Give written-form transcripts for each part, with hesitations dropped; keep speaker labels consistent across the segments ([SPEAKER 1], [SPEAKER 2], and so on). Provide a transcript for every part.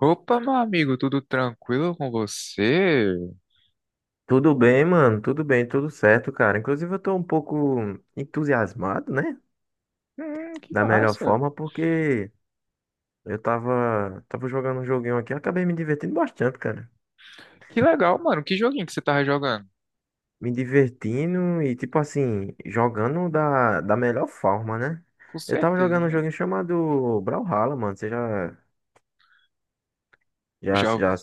[SPEAKER 1] Opa, meu amigo, tudo tranquilo com você?
[SPEAKER 2] Tudo bem, mano? Tudo bem, tudo certo, cara. Inclusive, eu tô um pouco entusiasmado, né?
[SPEAKER 1] Que
[SPEAKER 2] Da melhor
[SPEAKER 1] massa.
[SPEAKER 2] forma, porque eu tava jogando um joguinho aqui, eu acabei me divertindo bastante, cara.
[SPEAKER 1] Que legal, mano. Que joguinho que você tava jogando?
[SPEAKER 2] Me divertindo e, tipo assim, jogando da melhor forma, né?
[SPEAKER 1] Com
[SPEAKER 2] Eu tava
[SPEAKER 1] certeza,
[SPEAKER 2] jogando um
[SPEAKER 1] né?
[SPEAKER 2] joguinho chamado Brawlhalla, mano. Você já, já,
[SPEAKER 1] Já,
[SPEAKER 2] já,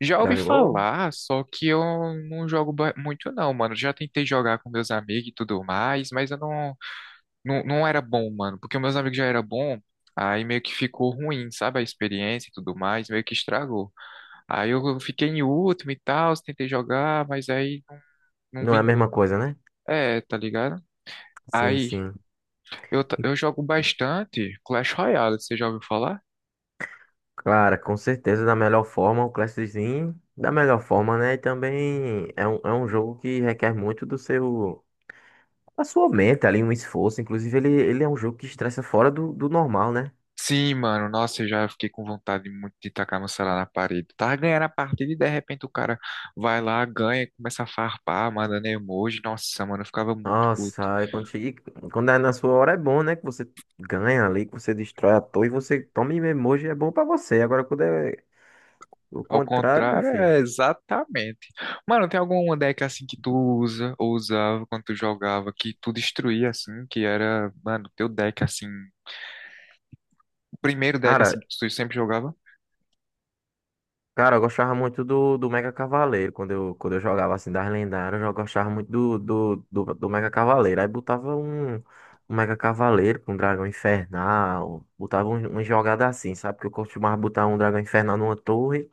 [SPEAKER 1] já
[SPEAKER 2] já
[SPEAKER 1] ouvi
[SPEAKER 2] jogou?
[SPEAKER 1] falar, só que eu não jogo muito não, mano. Já tentei jogar com meus amigos e tudo mais, mas eu não era bom, mano. Porque meus amigos já eram bom, aí meio que ficou ruim, sabe? A experiência e tudo mais, meio que estragou. Aí eu fiquei em último e tal, tentei jogar, mas aí não
[SPEAKER 2] Não é a
[SPEAKER 1] vingou.
[SPEAKER 2] mesma coisa, né?
[SPEAKER 1] É, tá ligado?
[SPEAKER 2] Sim,
[SPEAKER 1] Aí
[SPEAKER 2] sim.
[SPEAKER 1] Eu jogo bastante Clash Royale, você já ouviu falar?
[SPEAKER 2] Claro, com certeza, da melhor forma, o Clash da melhor forma, né? E também é um jogo que requer muito do seu, da sua mente ali, um esforço. Inclusive, ele é um jogo que estressa fora do, do normal, né?
[SPEAKER 1] Sim, mano, nossa, eu já fiquei com vontade muito de tacar meu celular na parede. Tava ganhando a partida e de repente o cara vai lá, ganha, começa a farpar, mandando emoji. Nossa, mano, eu ficava muito
[SPEAKER 2] Nossa,
[SPEAKER 1] puto.
[SPEAKER 2] e quando é na sua hora é bom, né? Que você ganha ali, que você destrói a torre, você toma em emoji, é bom pra você. Agora, quando é o
[SPEAKER 1] Ao
[SPEAKER 2] contrário, meu
[SPEAKER 1] contrário,
[SPEAKER 2] filho.
[SPEAKER 1] é exatamente. Mano, tem alguma deck assim que tu usa ou usava quando tu jogava que tu destruía assim, que era, mano, teu deck assim, o primeiro deck
[SPEAKER 2] Cara,
[SPEAKER 1] assim que tu sempre jogava?
[SPEAKER 2] Cara, eu gostava muito do Mega Cavaleiro. Quando eu jogava assim das lendárias, eu gostava muito do Mega Cavaleiro. Aí botava um Mega Cavaleiro com um Dragão Infernal. Botava um, um jogada assim, sabe? Porque eu costumava botar um Dragão Infernal numa torre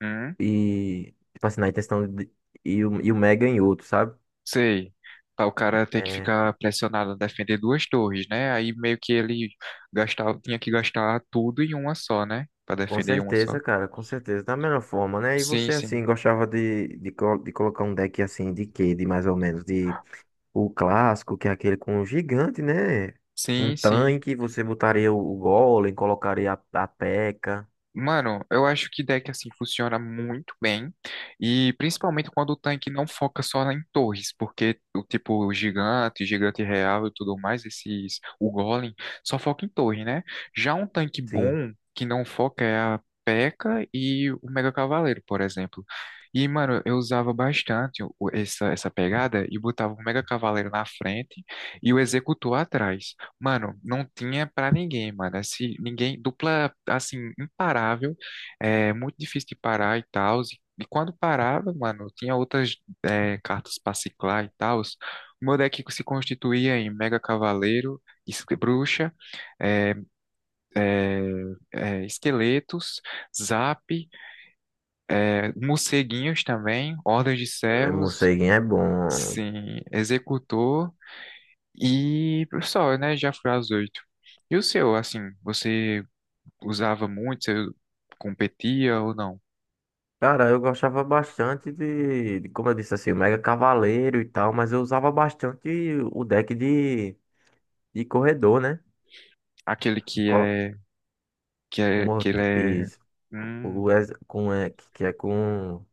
[SPEAKER 1] Hum?
[SPEAKER 2] e, tipo assim, na intenção de, e o Mega em outro, sabe?
[SPEAKER 1] Sei. Pra o cara ter que
[SPEAKER 2] É,
[SPEAKER 1] ficar pressionado a defender duas torres, né? Aí meio que ele gastava, tinha que gastar tudo em uma só, né? Pra
[SPEAKER 2] com
[SPEAKER 1] defender uma só.
[SPEAKER 2] certeza, cara, com certeza. Da melhor forma, né? E
[SPEAKER 1] Sim,
[SPEAKER 2] você,
[SPEAKER 1] sim.
[SPEAKER 2] assim, gostava de colocar um deck assim, de quê? De mais ou menos? O clássico, que é aquele com o gigante, né? Um
[SPEAKER 1] Sim, sim.
[SPEAKER 2] tanque, você botaria o Golem, colocaria a Pekka.
[SPEAKER 1] Mano, eu acho que deck assim funciona muito bem, e principalmente quando o tanque não foca só em torres, porque o tipo o gigante, gigante real e tudo mais, esses o golem só foca em torre, né? Já um tanque
[SPEAKER 2] Sim,
[SPEAKER 1] bom que não foca é a P.E.K.K.A. e K K A e o Mega Cavaleiro, por exemplo. E mano, eu usava bastante essa pegada e botava o Mega Cavaleiro na frente e o Executor atrás. Mano, não tinha pra ninguém, mano. Esse, ninguém, dupla, assim, imparável, é muito difícil de parar e tal. E quando parava, mano, tinha outras cartas pra ciclar e tal. O meu deck se constituía em Mega Cavaleiro, Bruxa, é, é, Esqueletos, Zap, Morceguinhos também, Ordens de
[SPEAKER 2] o
[SPEAKER 1] Servos,
[SPEAKER 2] morceguinho é bom.
[SPEAKER 1] sim, Executor e só, né? Já fui às oito. E o seu, assim, você usava muito? Você competia ou não?
[SPEAKER 2] Cara, eu gostava bastante de, como eu disse assim, o Mega Cavaleiro e tal, mas eu usava bastante o deck de corredor, né?
[SPEAKER 1] Aquele que
[SPEAKER 2] Colo-
[SPEAKER 1] é,
[SPEAKER 2] Como
[SPEAKER 1] que ele é,
[SPEAKER 2] isso,
[SPEAKER 1] hum,
[SPEAKER 2] o, ex- com, é, que é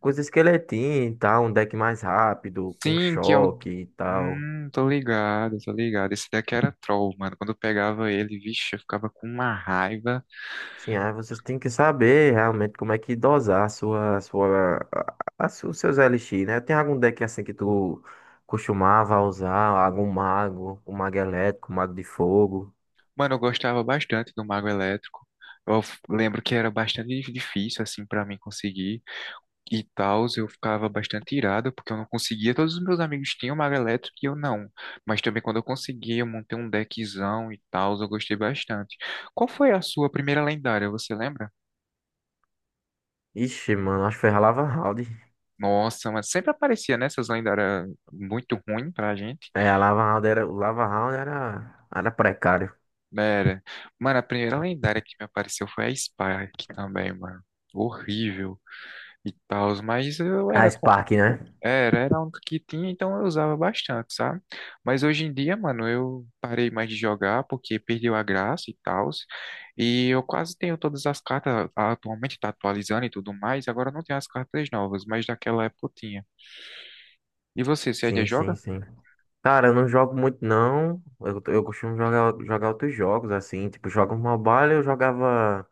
[SPEAKER 2] com os esqueletinhos e tal, um deck mais rápido, com
[SPEAKER 1] sim, que é o,
[SPEAKER 2] choque e tal.
[SPEAKER 1] tô ligado, tô ligado. Esse daqui era troll, mano. Quando eu pegava ele, vixe, eu ficava com uma raiva.
[SPEAKER 2] Sim, aí vocês têm que saber realmente como é que dosar a sua, os seus LX, né? Tem algum deck assim que tu costumava usar? Algum mago, um mago elétrico, um mago de fogo?
[SPEAKER 1] Mano, eu gostava bastante do Mago Elétrico. Eu lembro que era bastante difícil, assim, pra mim conseguir. E tal, eu ficava bastante irado, porque eu não conseguia. Todos os meus amigos tinham mago elétrico e eu não. Mas também quando eu consegui, eu montei um deckzão e tal, eu gostei bastante. Qual foi a sua primeira lendária, você lembra?
[SPEAKER 2] Ixi, mano, acho que foi a Lava Round.
[SPEAKER 1] Nossa, mas sempre aparecia né essas lendárias muito ruim pra gente.
[SPEAKER 2] É, a Lava Round era, o Lava Round era, era precário.
[SPEAKER 1] Era. Mano, a primeira lendária que me apareceu foi a Spark também, mano. Horrível e tal, mas eu
[SPEAKER 2] A
[SPEAKER 1] era.
[SPEAKER 2] Spark, né?
[SPEAKER 1] Era, era um que tinha, então eu usava bastante, sabe? Mas hoje em dia, mano, eu parei mais de jogar porque perdeu a graça e tal. E eu quase tenho todas as cartas, atualmente tá atualizando e tudo mais, agora não tem as cartas novas, mas daquela época eu tinha. E você, você ainda
[SPEAKER 2] Sim, sim,
[SPEAKER 1] joga?
[SPEAKER 2] sim. Cara, eu não jogo muito não. Eu costumo jogar outros jogos, assim. Tipo, jogo mobile, eu jogava.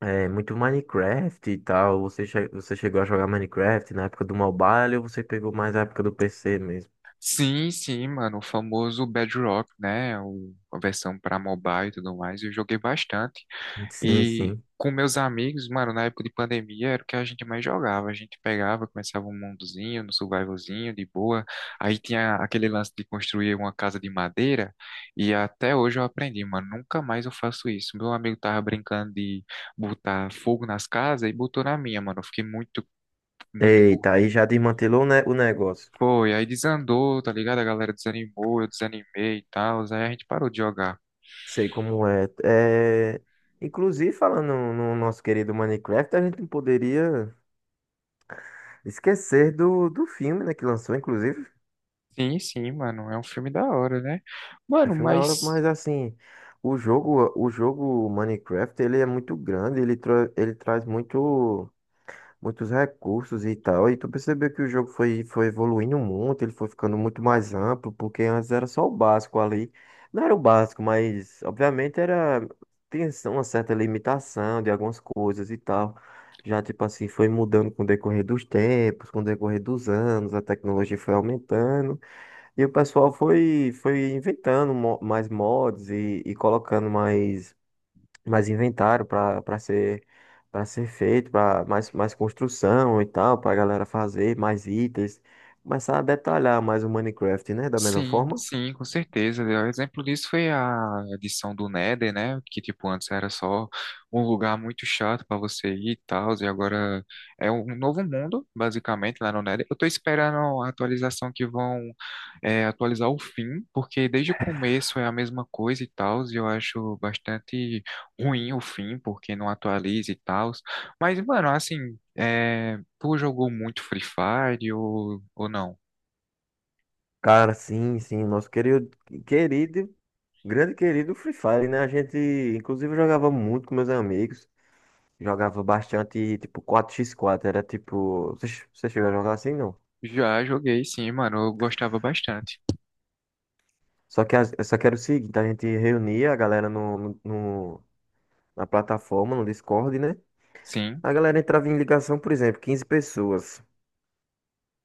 [SPEAKER 2] É, muito Minecraft e tal. Você chegou a jogar Minecraft na época do mobile ou você pegou mais a época do PC mesmo?
[SPEAKER 1] Sim, sim, mano, o famoso Bedrock, né? O, a versão para mobile e tudo mais, eu joguei bastante.
[SPEAKER 2] Sim,
[SPEAKER 1] E
[SPEAKER 2] sim.
[SPEAKER 1] com meus amigos, mano, na época de pandemia era o que a gente mais jogava. A gente pegava, começava um mundozinho, no survivalzinho, de boa. Aí tinha aquele lance de construir uma casa de madeira. E até hoje eu aprendi, mano, nunca mais eu faço isso. Meu amigo tava brincando de botar fogo nas casas e botou na minha, mano. Eu fiquei muito, muito com
[SPEAKER 2] Eita, aí
[SPEAKER 1] raiva.
[SPEAKER 2] já desmantelou, né, o negócio.
[SPEAKER 1] Foi, aí desandou, tá ligado? A galera desanimou, eu desanimei e tal. Aí a gente parou de jogar.
[SPEAKER 2] Sei como é. É, inclusive, falando no nosso querido Minecraft, a gente não poderia esquecer do filme, né, que lançou, inclusive.
[SPEAKER 1] Sim, sim, mano, é um filme da hora, né?
[SPEAKER 2] É
[SPEAKER 1] Mano,
[SPEAKER 2] filme da hora,
[SPEAKER 1] mas
[SPEAKER 2] mas assim, o jogo Minecraft, ele é muito grande, ele, tra ele traz muito, muitos recursos e tal. E tu percebeu que o jogo foi evoluindo muito, ele foi ficando muito mais amplo, porque antes era só o básico ali. Não era o básico, mas obviamente era, tinha assim, uma certa limitação de algumas coisas e tal. Já, tipo assim, foi mudando com o decorrer dos tempos, com o decorrer dos anos, a tecnologia foi aumentando e o pessoal foi inventando mais mods e colocando mais inventário para ser para ser feito, para mais construção e tal, para a galera fazer mais itens, começar a detalhar mais o Minecraft, né, da mesma
[SPEAKER 1] sim,
[SPEAKER 2] forma.
[SPEAKER 1] sim, com certeza. O exemplo disso foi a edição do Nether, né? Que, tipo, antes era só um lugar muito chato pra você ir e tal, e agora é um novo mundo, basicamente, lá no Nether. Eu tô esperando a atualização que vão atualizar o fim, porque desde o começo é a mesma coisa e tal, e eu acho bastante ruim o fim, porque não atualiza e tal. Mas, mano, assim, tu jogou muito Free Fire ou não?
[SPEAKER 2] Cara, sim, sim, nosso querido grande querido Free Fire, né? A gente inclusive jogava muito com meus amigos, jogava bastante tipo quatro x quatro era tipo, você chegou a jogar assim, não?
[SPEAKER 1] Já joguei, sim, mano. Eu gostava bastante.
[SPEAKER 2] Só que, só que era o seguinte, a gente reunia a galera no, no, no- na plataforma, no Discord, né?
[SPEAKER 1] Sim,
[SPEAKER 2] A galera entrava em ligação, por exemplo, 15 pessoas,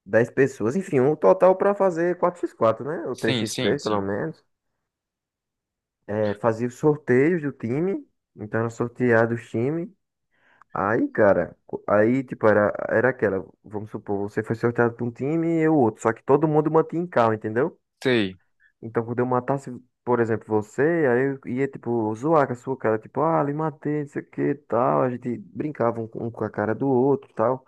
[SPEAKER 2] 10 pessoas, enfim, um total para fazer quatro x quatro, né? Ou três
[SPEAKER 1] sim,
[SPEAKER 2] x
[SPEAKER 1] sim,
[SPEAKER 2] três pelo
[SPEAKER 1] sim.
[SPEAKER 2] menos. É, fazia os sorteios do time, então era sorteado os times. Aí, cara, tipo, era aquela, vamos supor, você foi sorteado para um time e eu outro, só que todo mundo mantinha em calma, entendeu?
[SPEAKER 1] Sei.
[SPEAKER 2] Então, quando eu matasse, por exemplo, você, aí eu ia, tipo, zoar com a sua cara, tipo, ah, lhe matei, não sei o que, tal. A gente brincava um com a cara do outro, tal.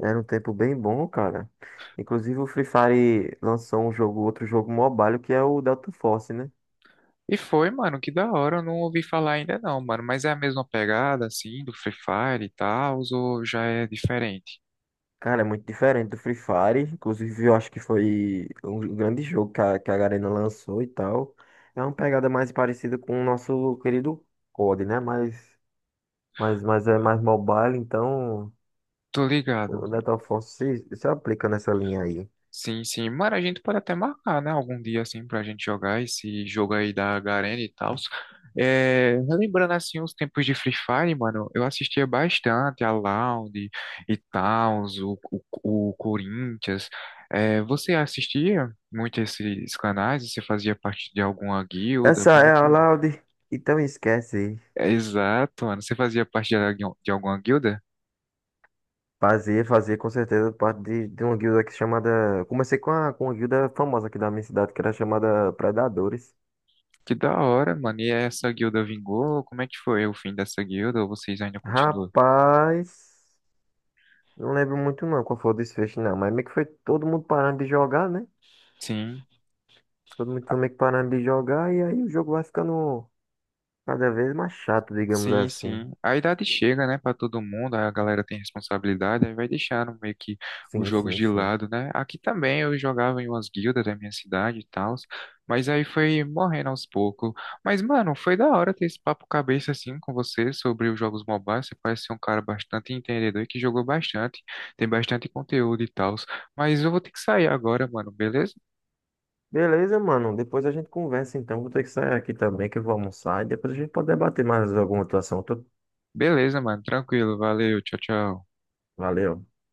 [SPEAKER 2] Era um tempo bem bom, cara. Inclusive, o Free Fire lançou um jogo, outro jogo mobile, que é o Delta Force, né?
[SPEAKER 1] E foi, mano, que da hora. Eu não ouvi falar ainda não, mano. Mas é a mesma pegada, assim, do Free Fire e tal, ou já é diferente?
[SPEAKER 2] Cara, é muito diferente do Free Fire. Inclusive, eu acho que foi um grande jogo que a Garena lançou e tal. É uma pegada mais parecida com o nosso querido COD, né? Mas é mais mobile, então.
[SPEAKER 1] Tô ligado.
[SPEAKER 2] O Neto Afonso se aplica nessa linha aí.
[SPEAKER 1] Sim, sim. Mano, a gente pode até marcar, né? Algum dia, assim, pra gente jogar esse jogo aí da Garena e tal. É, relembrando, assim, os tempos de Free Fire, mano, eu assistia bastante a Loud e tal, o Corinthians. É, você assistia muito esses canais? Você fazia parte de alguma guilda?
[SPEAKER 2] Essa
[SPEAKER 1] Como
[SPEAKER 2] é
[SPEAKER 1] é que...
[SPEAKER 2] a Laude. Então esquece.
[SPEAKER 1] É, exato, mano. Você fazia parte de, de alguma guilda?
[SPEAKER 2] Fazer com certeza parte de uma guilda que é chamada. Comecei com uma guilda famosa aqui da minha cidade, que era chamada Predadores.
[SPEAKER 1] Que da hora, mano. E essa guilda vingou? Como é que foi o fim dessa guilda? Ou vocês ainda continuam?
[SPEAKER 2] Rapaz, não lembro muito não qual foi o desfecho, não. Mas meio que foi todo mundo parando de jogar, né?
[SPEAKER 1] Sim.
[SPEAKER 2] Todo mundo foi meio que parando de jogar e aí o jogo vai ficando cada vez mais chato, digamos
[SPEAKER 1] Sim,
[SPEAKER 2] assim.
[SPEAKER 1] sim. A idade chega, né, para todo mundo, a galera tem responsabilidade, aí vai deixando meio que os
[SPEAKER 2] Sim,
[SPEAKER 1] jogos
[SPEAKER 2] sim,
[SPEAKER 1] de
[SPEAKER 2] sim.
[SPEAKER 1] lado, né? Aqui também eu jogava em umas guildas da minha cidade e tal, mas aí foi morrendo aos poucos. Mas, mano, foi da hora ter esse papo cabeça assim com você sobre os jogos mobiles. Você parece ser um cara bastante entendedor e que jogou bastante, tem bastante conteúdo e tal. Mas eu vou ter que sair agora, mano, beleza?
[SPEAKER 2] Beleza, mano. Depois a gente conversa, então. Vou ter que sair aqui também, que eu vou almoçar. E depois a gente pode debater mais alguma atuação.
[SPEAKER 1] Beleza, mano, tranquilo, valeu, tchau, tchau.
[SPEAKER 2] Valeu.